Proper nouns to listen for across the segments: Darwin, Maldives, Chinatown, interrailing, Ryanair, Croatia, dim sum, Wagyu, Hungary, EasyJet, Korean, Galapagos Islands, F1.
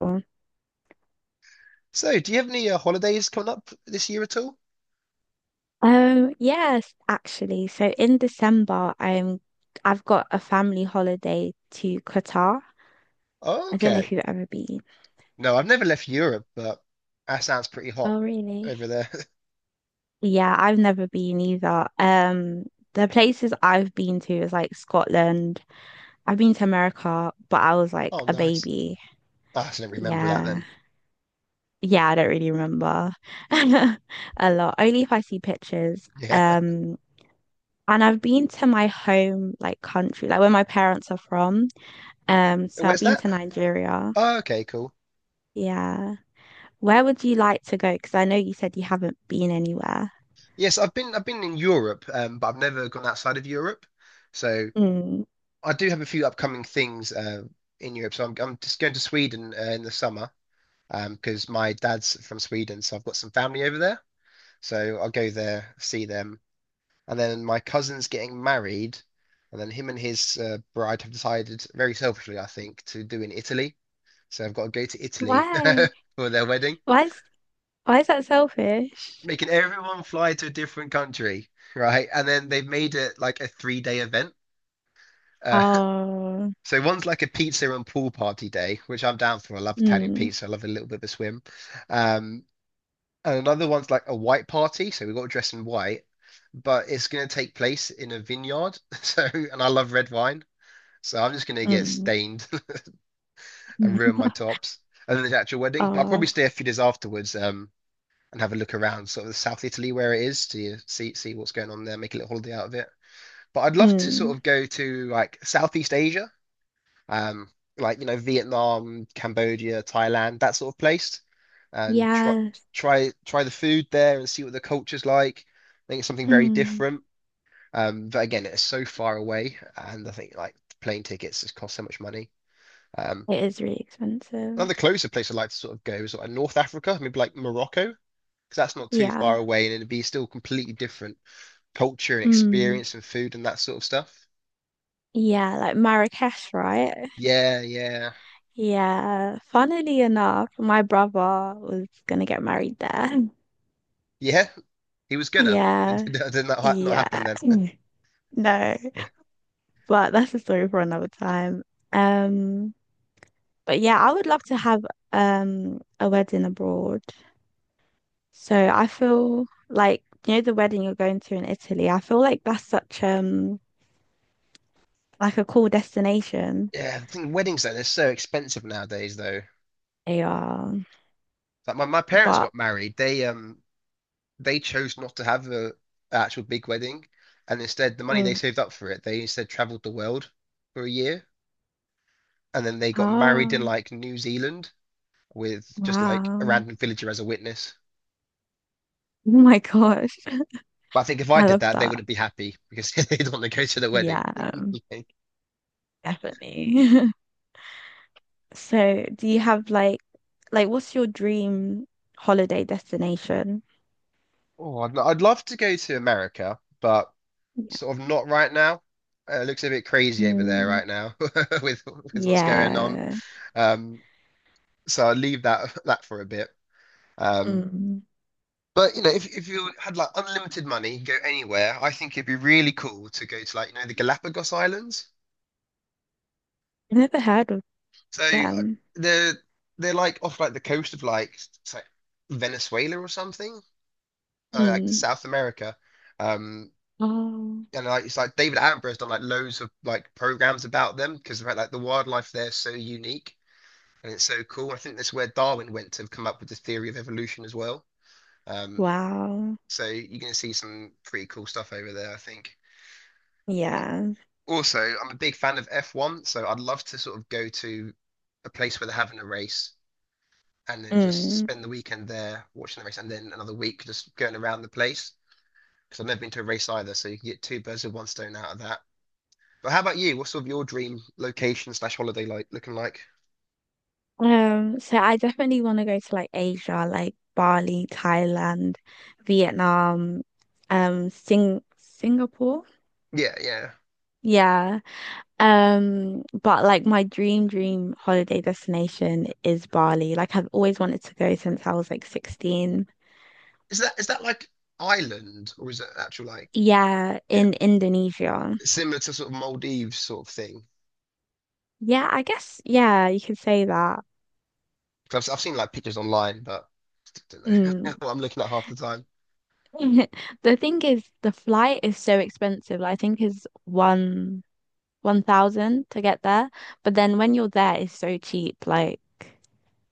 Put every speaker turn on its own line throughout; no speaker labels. Oh.
So, do you have any holidays coming up this year at all?
Yes, actually. So in December, I've got a family holiday to Qatar. I don't know
Okay.
if you've ever been.
No, I've never left Europe, but that sounds pretty hot
Oh, really?
over there.
Yeah, I've never been either. The places I've been to is like Scotland. I've been to America, but I was like
Oh,
a
nice.
baby.
Ah, so I didn't remember that
Yeah.
then.
Yeah, I don't really remember a lot. Only if I see pictures.
Yeah.
And I've been to my home like country, like where my parents are from. So I've
Where's
been
that?
to Nigeria.
Oh, okay, cool.
Yeah. Where would you like to go? Because I know you said you haven't been anywhere.
Yes, I've been in Europe, but I've never gone outside of Europe. So
Mm.
I do have a few upcoming things in Europe. So I'm just going to Sweden in the summer because my dad's from Sweden, so I've got some family over there. So I'll go there, see them, and then my cousin's getting married, and then him and his bride have decided, very selfishly, I think, to do in Italy. So I've got to go to Italy
Why?
for their wedding,
Why is why is that selfish?
making everyone fly to a different country, right? And then they've made it like a three-day event. Uh,
Oh.
so one's like a pizza and pool party day, which I'm down for. I love Italian
Mm.
pizza. I love a little bit of a swim. Um, and another one's like a white party, so we've got to dress in white, but it's going to take place in a vineyard. So, and I love red wine. So I'm just gonna get
Mm.
stained and ruin my tops. And then the actual wedding. But I'll probably
Oh.
stay a few days afterwards, and have a look around sort of South Italy where it is to see what's going on there, make a little holiday out of it. But I'd love to
Mm.
sort of go to like Southeast Asia, um, like Vietnam, Cambodia, Thailand, that sort of place. And try
Yes.
try try the food there and see what the culture's like. I think it's something very
Mm.
different. But again, it's so far away, and I think like plane tickets just cost so much money. Um,
It is really expensive.
Another closer place I'd like to sort of go is sort of like North Africa, maybe like Morocco, because that's not too far
Yeah.
away and it'd be still completely different culture and
Mm.
experience and food and that sort of stuff.
Yeah, like Marrakesh, right?
Yeah, yeah,
Yeah. Funnily enough, my brother was gonna get married there.
yeah. He was gonna. It
Yeah.
did not, not
Yeah.
happen then.
Mm. No, but that's a story for another time. Um, but yeah, I would love to have a wedding abroad. So I feel like you know the wedding you're going to in Italy. I feel like that's such like a cool destination.
Yeah, the thing weddings though, they're so expensive nowadays though.
Yeah,
Like my parents
but
got married. They chose not to have a actual big wedding, and instead the money they
Mm.
saved up for it, they instead traveled the world for a year and then they got married in
Oh,
like New Zealand with just like a
wow,
random villager as a witness.
oh my gosh,
But I think if I
I
did
love
that, they
that.
wouldn't be happy because they'd want to go to the
Yeah,
wedding.
definitely. So, do you have like what's your dream holiday destination?
Oh, I'd love to go to America, but
Yeah.
sort of not right now. It looks a bit crazy over there
Mm,
right now with with what's going on.
yeah.
Um, so I'll leave that that for a bit. Um,
Mm.
but if you had like unlimited money, you go anywhere. I think it'd be really cool to go to like the Galapagos Islands.
Never heard of
So
them.
they're they're like off like the coast of like it's like Venezuela or something, like
Mm.
South America. Um,
Oh,
and like it's like David Attenborough's done like loads of like programs about them because about like the wildlife there is so unique and it's so cool. I think that's where Darwin went to come up with the theory of evolution as well. Um,
wow.
so you're gonna see some pretty cool stuff over there, I think.
Yeah.
Also, I'm a big fan of F1, so I'd love to sort of go to a place where they're having a race and then just
Mm.
spend the weekend there watching the race, and then another week just going around the place because I've never been to a race either. So you can get two birds with one stone out of that. But how about you? What's sort of your dream location slash holiday like looking like?
So I definitely want to go to like Asia, like Bali, Thailand, Vietnam, Singapore.
Yeah, yeah.
Yeah. But like my dream holiday destination is Bali. Like I've always wanted to go since I was like 16.
Is that like island or is it actual like
Yeah,
yeah
in Indonesia.
similar to sort of Maldives sort of thing?
Yeah, I guess yeah, you could say that.
Because I've seen like pictures online, but I don't know
Mm.
what I'm looking at half the time.
The thing is the flight is so expensive. Like, I think is one 1,000 to get there, but then when you're there it's so cheap, like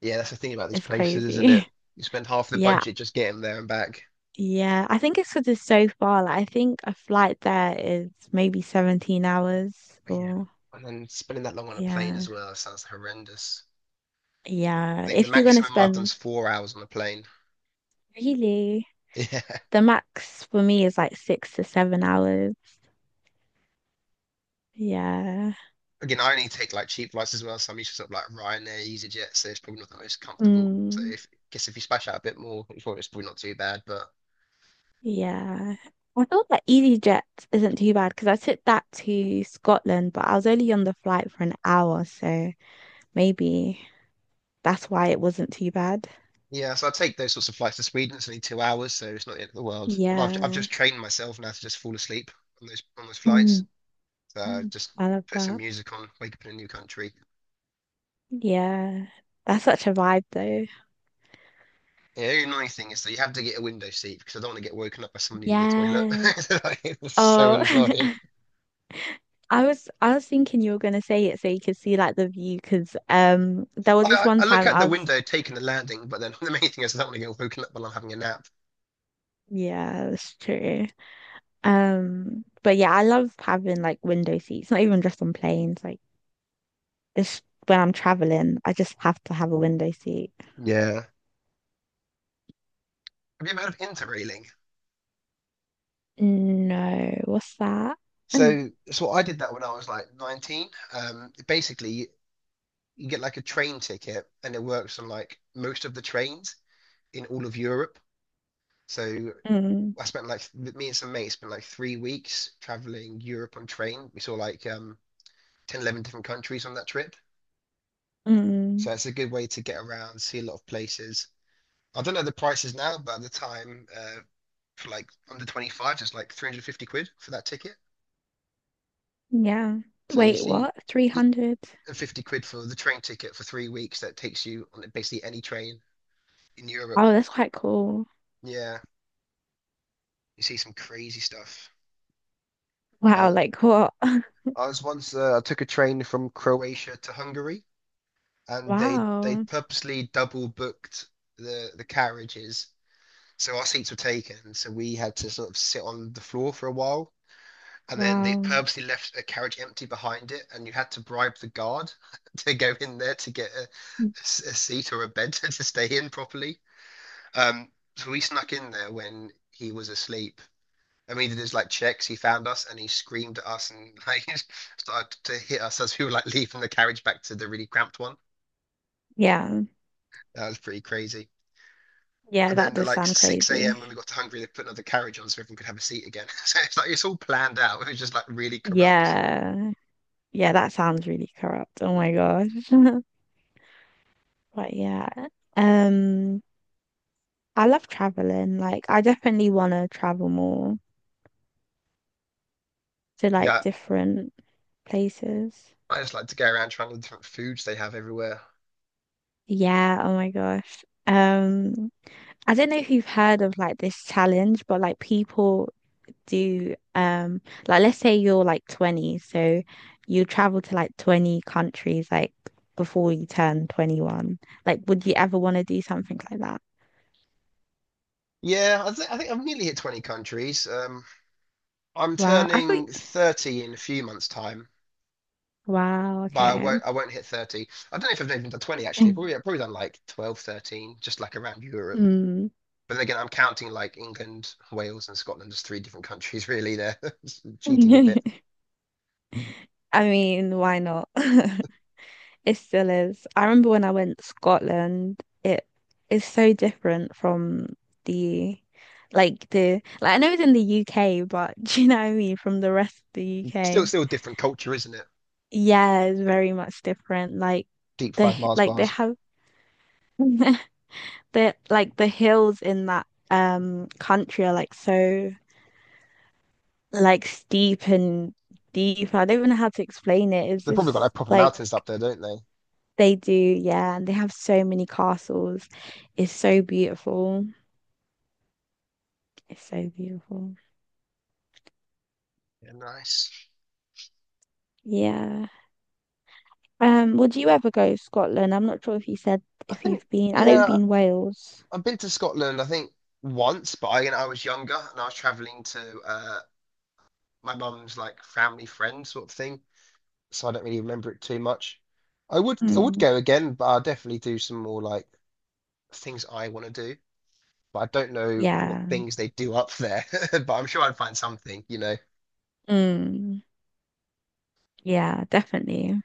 Yeah, that's the thing about these
it's
places, isn't it?
crazy.
You spend half the
Yeah.
budget just getting there and back.
Yeah, I think it's because it's so far. Like, I think a flight there is maybe 17 hours
Yeah.
or
And then spending that long on a plane
yeah.
as well sounds horrendous.
Yeah.
I think the
If you're gonna
maximum I've done
spend
is 4 hours on a plane.
really,
Yeah.
the max for me is like 6 to 7 hours. Yeah.
Again, I only take like cheap flights as well, so I'm used to sort of like Ryanair, EasyJet, so it's probably not the most comfortable. So
Mm,
if I guess if you splash out a bit more, it's probably not too bad. But
yeah. I thought that EasyJet isn't too bad because I took that to Scotland, but I was only on the flight for an hour, so maybe that's why it wasn't too bad.
yeah, so I take those sorts of flights to Sweden. It's only 2 hours, so it's not the end of the world. And I've
Yeah.
just trained myself now to just fall asleep on those
Mm.
flights. So just
I love
put some
that.
music on, wake up in a new country.
Yeah. That's such a vibe though.
Yeah, the only annoying thing is that you have to get a window seat because I don't want to get woken up by someone leaving the toilet.
Yeah.
It's so
Oh,
annoying.
I was thinking you were gonna say it so you could see like the view because there was this
I,
one
I look
time
out the
I was
window taking the landing, but then the main thing is I don't want to get woken up while I'm having a nap.
yeah, that's true. But yeah, I love having like window seats, not even just on planes, like it's when I'm traveling, I just have to have a window seat.
Yeah. Have you ever heard of interrailing?
No, what's that? Mm,
So I did that when I was like 19. Basically, you get like a train ticket and it works on like most of the trains in all of Europe. So
mm,
I spent like, th- me and some mates spent like 3 weeks traveling Europe on train. We saw like 10, 11 different countries on that trip.
mm,
So it's a good way to get around, see a lot of places. I don't know the prices now, but at the time, for like under 25, it's like 350 quid for that ticket.
yeah.
So you
Wait,
see
what? 300?
50 quid for the train ticket for 3 weeks that takes you on basically any train in Europe.
Oh, that's quite cool.
Yeah, you see some crazy stuff. I
Wow,
was,
like what?
I was once I took a train from Croatia to Hungary, and they
Wow.
purposely double booked the carriages, so our seats were taken. So we had to sort of sit on the floor for a while, and then they
Wow.
purposely left a carriage empty behind it, and you had to bribe the guard to go in there to get a seat or a bed to stay in properly. Um, so we snuck in there when he was asleep. I mean, he did his like checks. He found us and he screamed at us and like started to hit us as we were like leaving the carriage back to the really cramped one.
Yeah.
That was pretty crazy.
Yeah,
And
that
then at
does
like
sound
6
crazy.
a.m. when we got to Hungary, they put another carriage on so everyone could have a seat again. So it's like it's all planned out. It was just like really corrupt.
Yeah. Yeah, that sounds really corrupt. Oh my gosh. But yeah. Um, I love traveling. Like I definitely want to travel more to like
Yeah,
different places.
I just like to go around trying the different foods they have everywhere.
Yeah, oh my gosh. I don't know if you've heard of like this challenge, but like people do like let's say you're like 20, so you travel to like 20 countries like before you turn 21. Like would you ever want to do something like that?
Yeah, I think I've nearly hit 20 countries. I'm
Wow. I thought
turning 30 in a few months' time,
Wow,
but I
okay.
won't, I won't hit 30. I don't know if I've even done 20, actually.
Mm.
Probably, I've probably done like 12, 13, just like around Europe. But then again, I'm counting like England, Wales, and Scotland as three different countries, really. They're cheating a
I
bit.
mean, why not? It still is. I remember when I went to Scotland, it is so different from the like I know it's in the UK, but do you know what I mean? From the rest of the
Still,
UK.
still a different culture, isn't it?
Yeah, it's very much different. Like
Deep fried Mars
like they
bars.
have the like the hills in that country are like so like steep and deep. I don't even know how to explain it. It's
They've probably got
just
like proper
like
mountains up there, don't they?
they do, yeah, and they have so many castles. It's so beautiful. It's so beautiful.
Yeah, nice.
Yeah. Would you ever go to Scotland? I'm not sure if you said
I
if
think,
you've been. I know you've
yeah,
been Wales.
I've been to Scotland, I think once, but I was younger and I was traveling to my mum's like family friend sort of thing, so I don't really remember it too much. I would
Mm.
go again, but I'll definitely do some more like things I want to do, but I don't know what
Yeah.
things they do up there, but I'm sure I'd find something.
Mm. Yeah, definitely.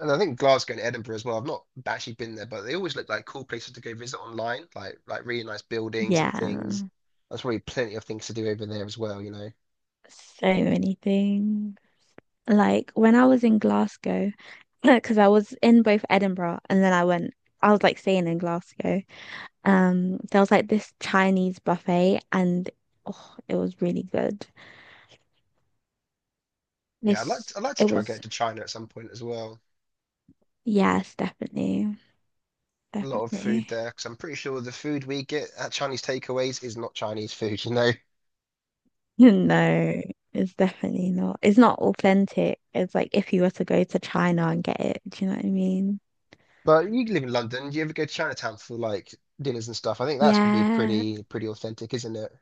And I think Glasgow and Edinburgh as well. I've not actually been there, but they always look like cool places to go visit online, like really nice buildings and things.
Yeah,
There's probably plenty of things to do over there as well.
so many things. Like when I was in Glasgow, because I was in both Edinburgh and then I went, I was like staying in Glasgow. There was like this Chinese buffet and oh, it was really good.
Yeah, I'd like
This,
to, I'd like to
it
try and get
was,
to China at some point as well.
yes, definitely,
A lot of food
definitely.
there, because I'm pretty sure the food we get at Chinese takeaways is not Chinese food.
No, it's definitely not. It's not authentic. It's like if you were to go to China and get it, do you know what I mean?
But you live in London, do you ever go to Chinatown for like dinners and stuff? I think that's gonna be
Yeah.
pretty authentic, isn't it?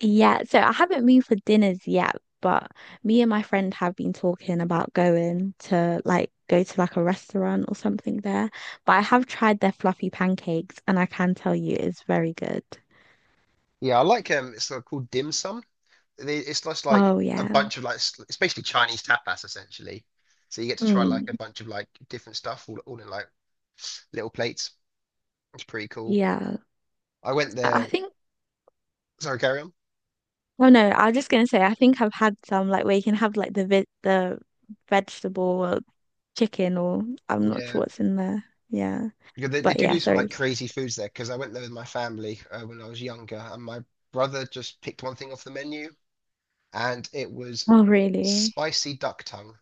Yeah, so I haven't moved for dinners yet, but me and my friend have been talking about going to go to like a restaurant or something there. But I have tried their fluffy pancakes and I can tell you it's very good.
Yeah, I like it's called dim sum. It's just like
Oh
a
yeah.
bunch of like it's basically Chinese tapas essentially. So you get to try like a
Mm,
bunch of like different stuff all in like little plates. It's pretty cool.
yeah.
I went
I
there.
think
Sorry, carry on.
oh no, I was just gonna say I think I've had some like where you can have like the vegetable or chicken or I'm not
Yeah.
sure what's in there. Yeah.
Yeah, they
But
do
yeah,
do some like
sorry.
crazy foods there because I went there with my family when I was younger, and my brother just picked one thing off the menu, and it was
Oh really?
spicy duck tongue,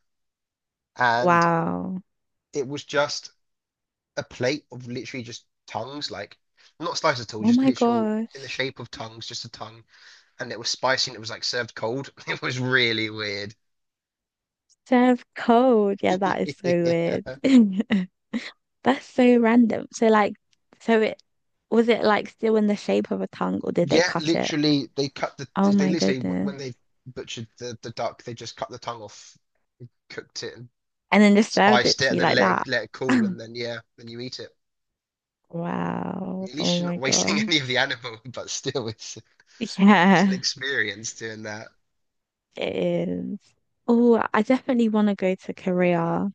and
Wow.
it was just a plate of literally just tongues, like not sliced at all,
Oh
just
my
literal in the
gosh.
shape of tongues, just a tongue, and it was spicy and it was like served cold. It was really weird.
Serve cold. Yeah, that is so weird.
Yeah,
That's so random. So like, so it was it like still in the shape of a tongue, or did they
yeah,
cut it?
literally,
Oh
they
my
literally
goodness.
when they butchered the duck, they just cut the tongue off, cooked it, and
And then just served it
spiced it
to
and
you
then
like
let it
that.
let it cool and then yeah, then you eat it.
Wow.
At least
Oh
you're
my
not wasting any of the
gosh.
animal, but still, it's it's an
Yeah,
experience doing that.
it is. Oh, I definitely want to go to Korea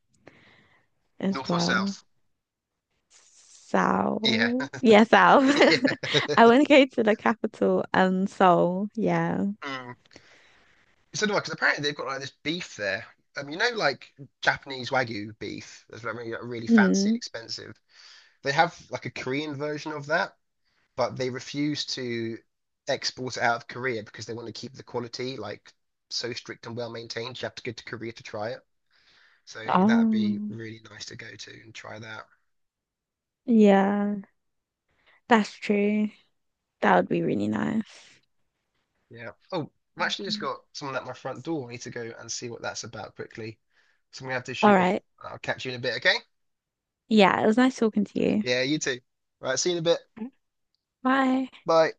as
North or
well.
south? Yeah,
South. Yeah, South.
yeah.
I want to go to the capital, Seoul. Yeah.
Mm. It's another one because apparently they've got like this beef there. Like Japanese Wagyu beef that's really, like, really fancy and
Mm.
expensive. They have like a Korean version of that, but they refuse to export it out of Korea because they want to keep the quality like so strict and well maintained. You have to go to Korea to try it. So I think that'd be
Oh,
really nice to go to and try that.
yeah, that's true. That would be really nice.
Yeah. Oh, I've actually just
Mhm.
got someone at my front door. I need to go and see what that's about quickly. So I'm gonna have to
All
shoot off.
right.
I'll catch you in a bit, okay?
Yeah, it was nice talking to you.
Yeah, you too. Right, see you in a bit.
Bye.
Bye.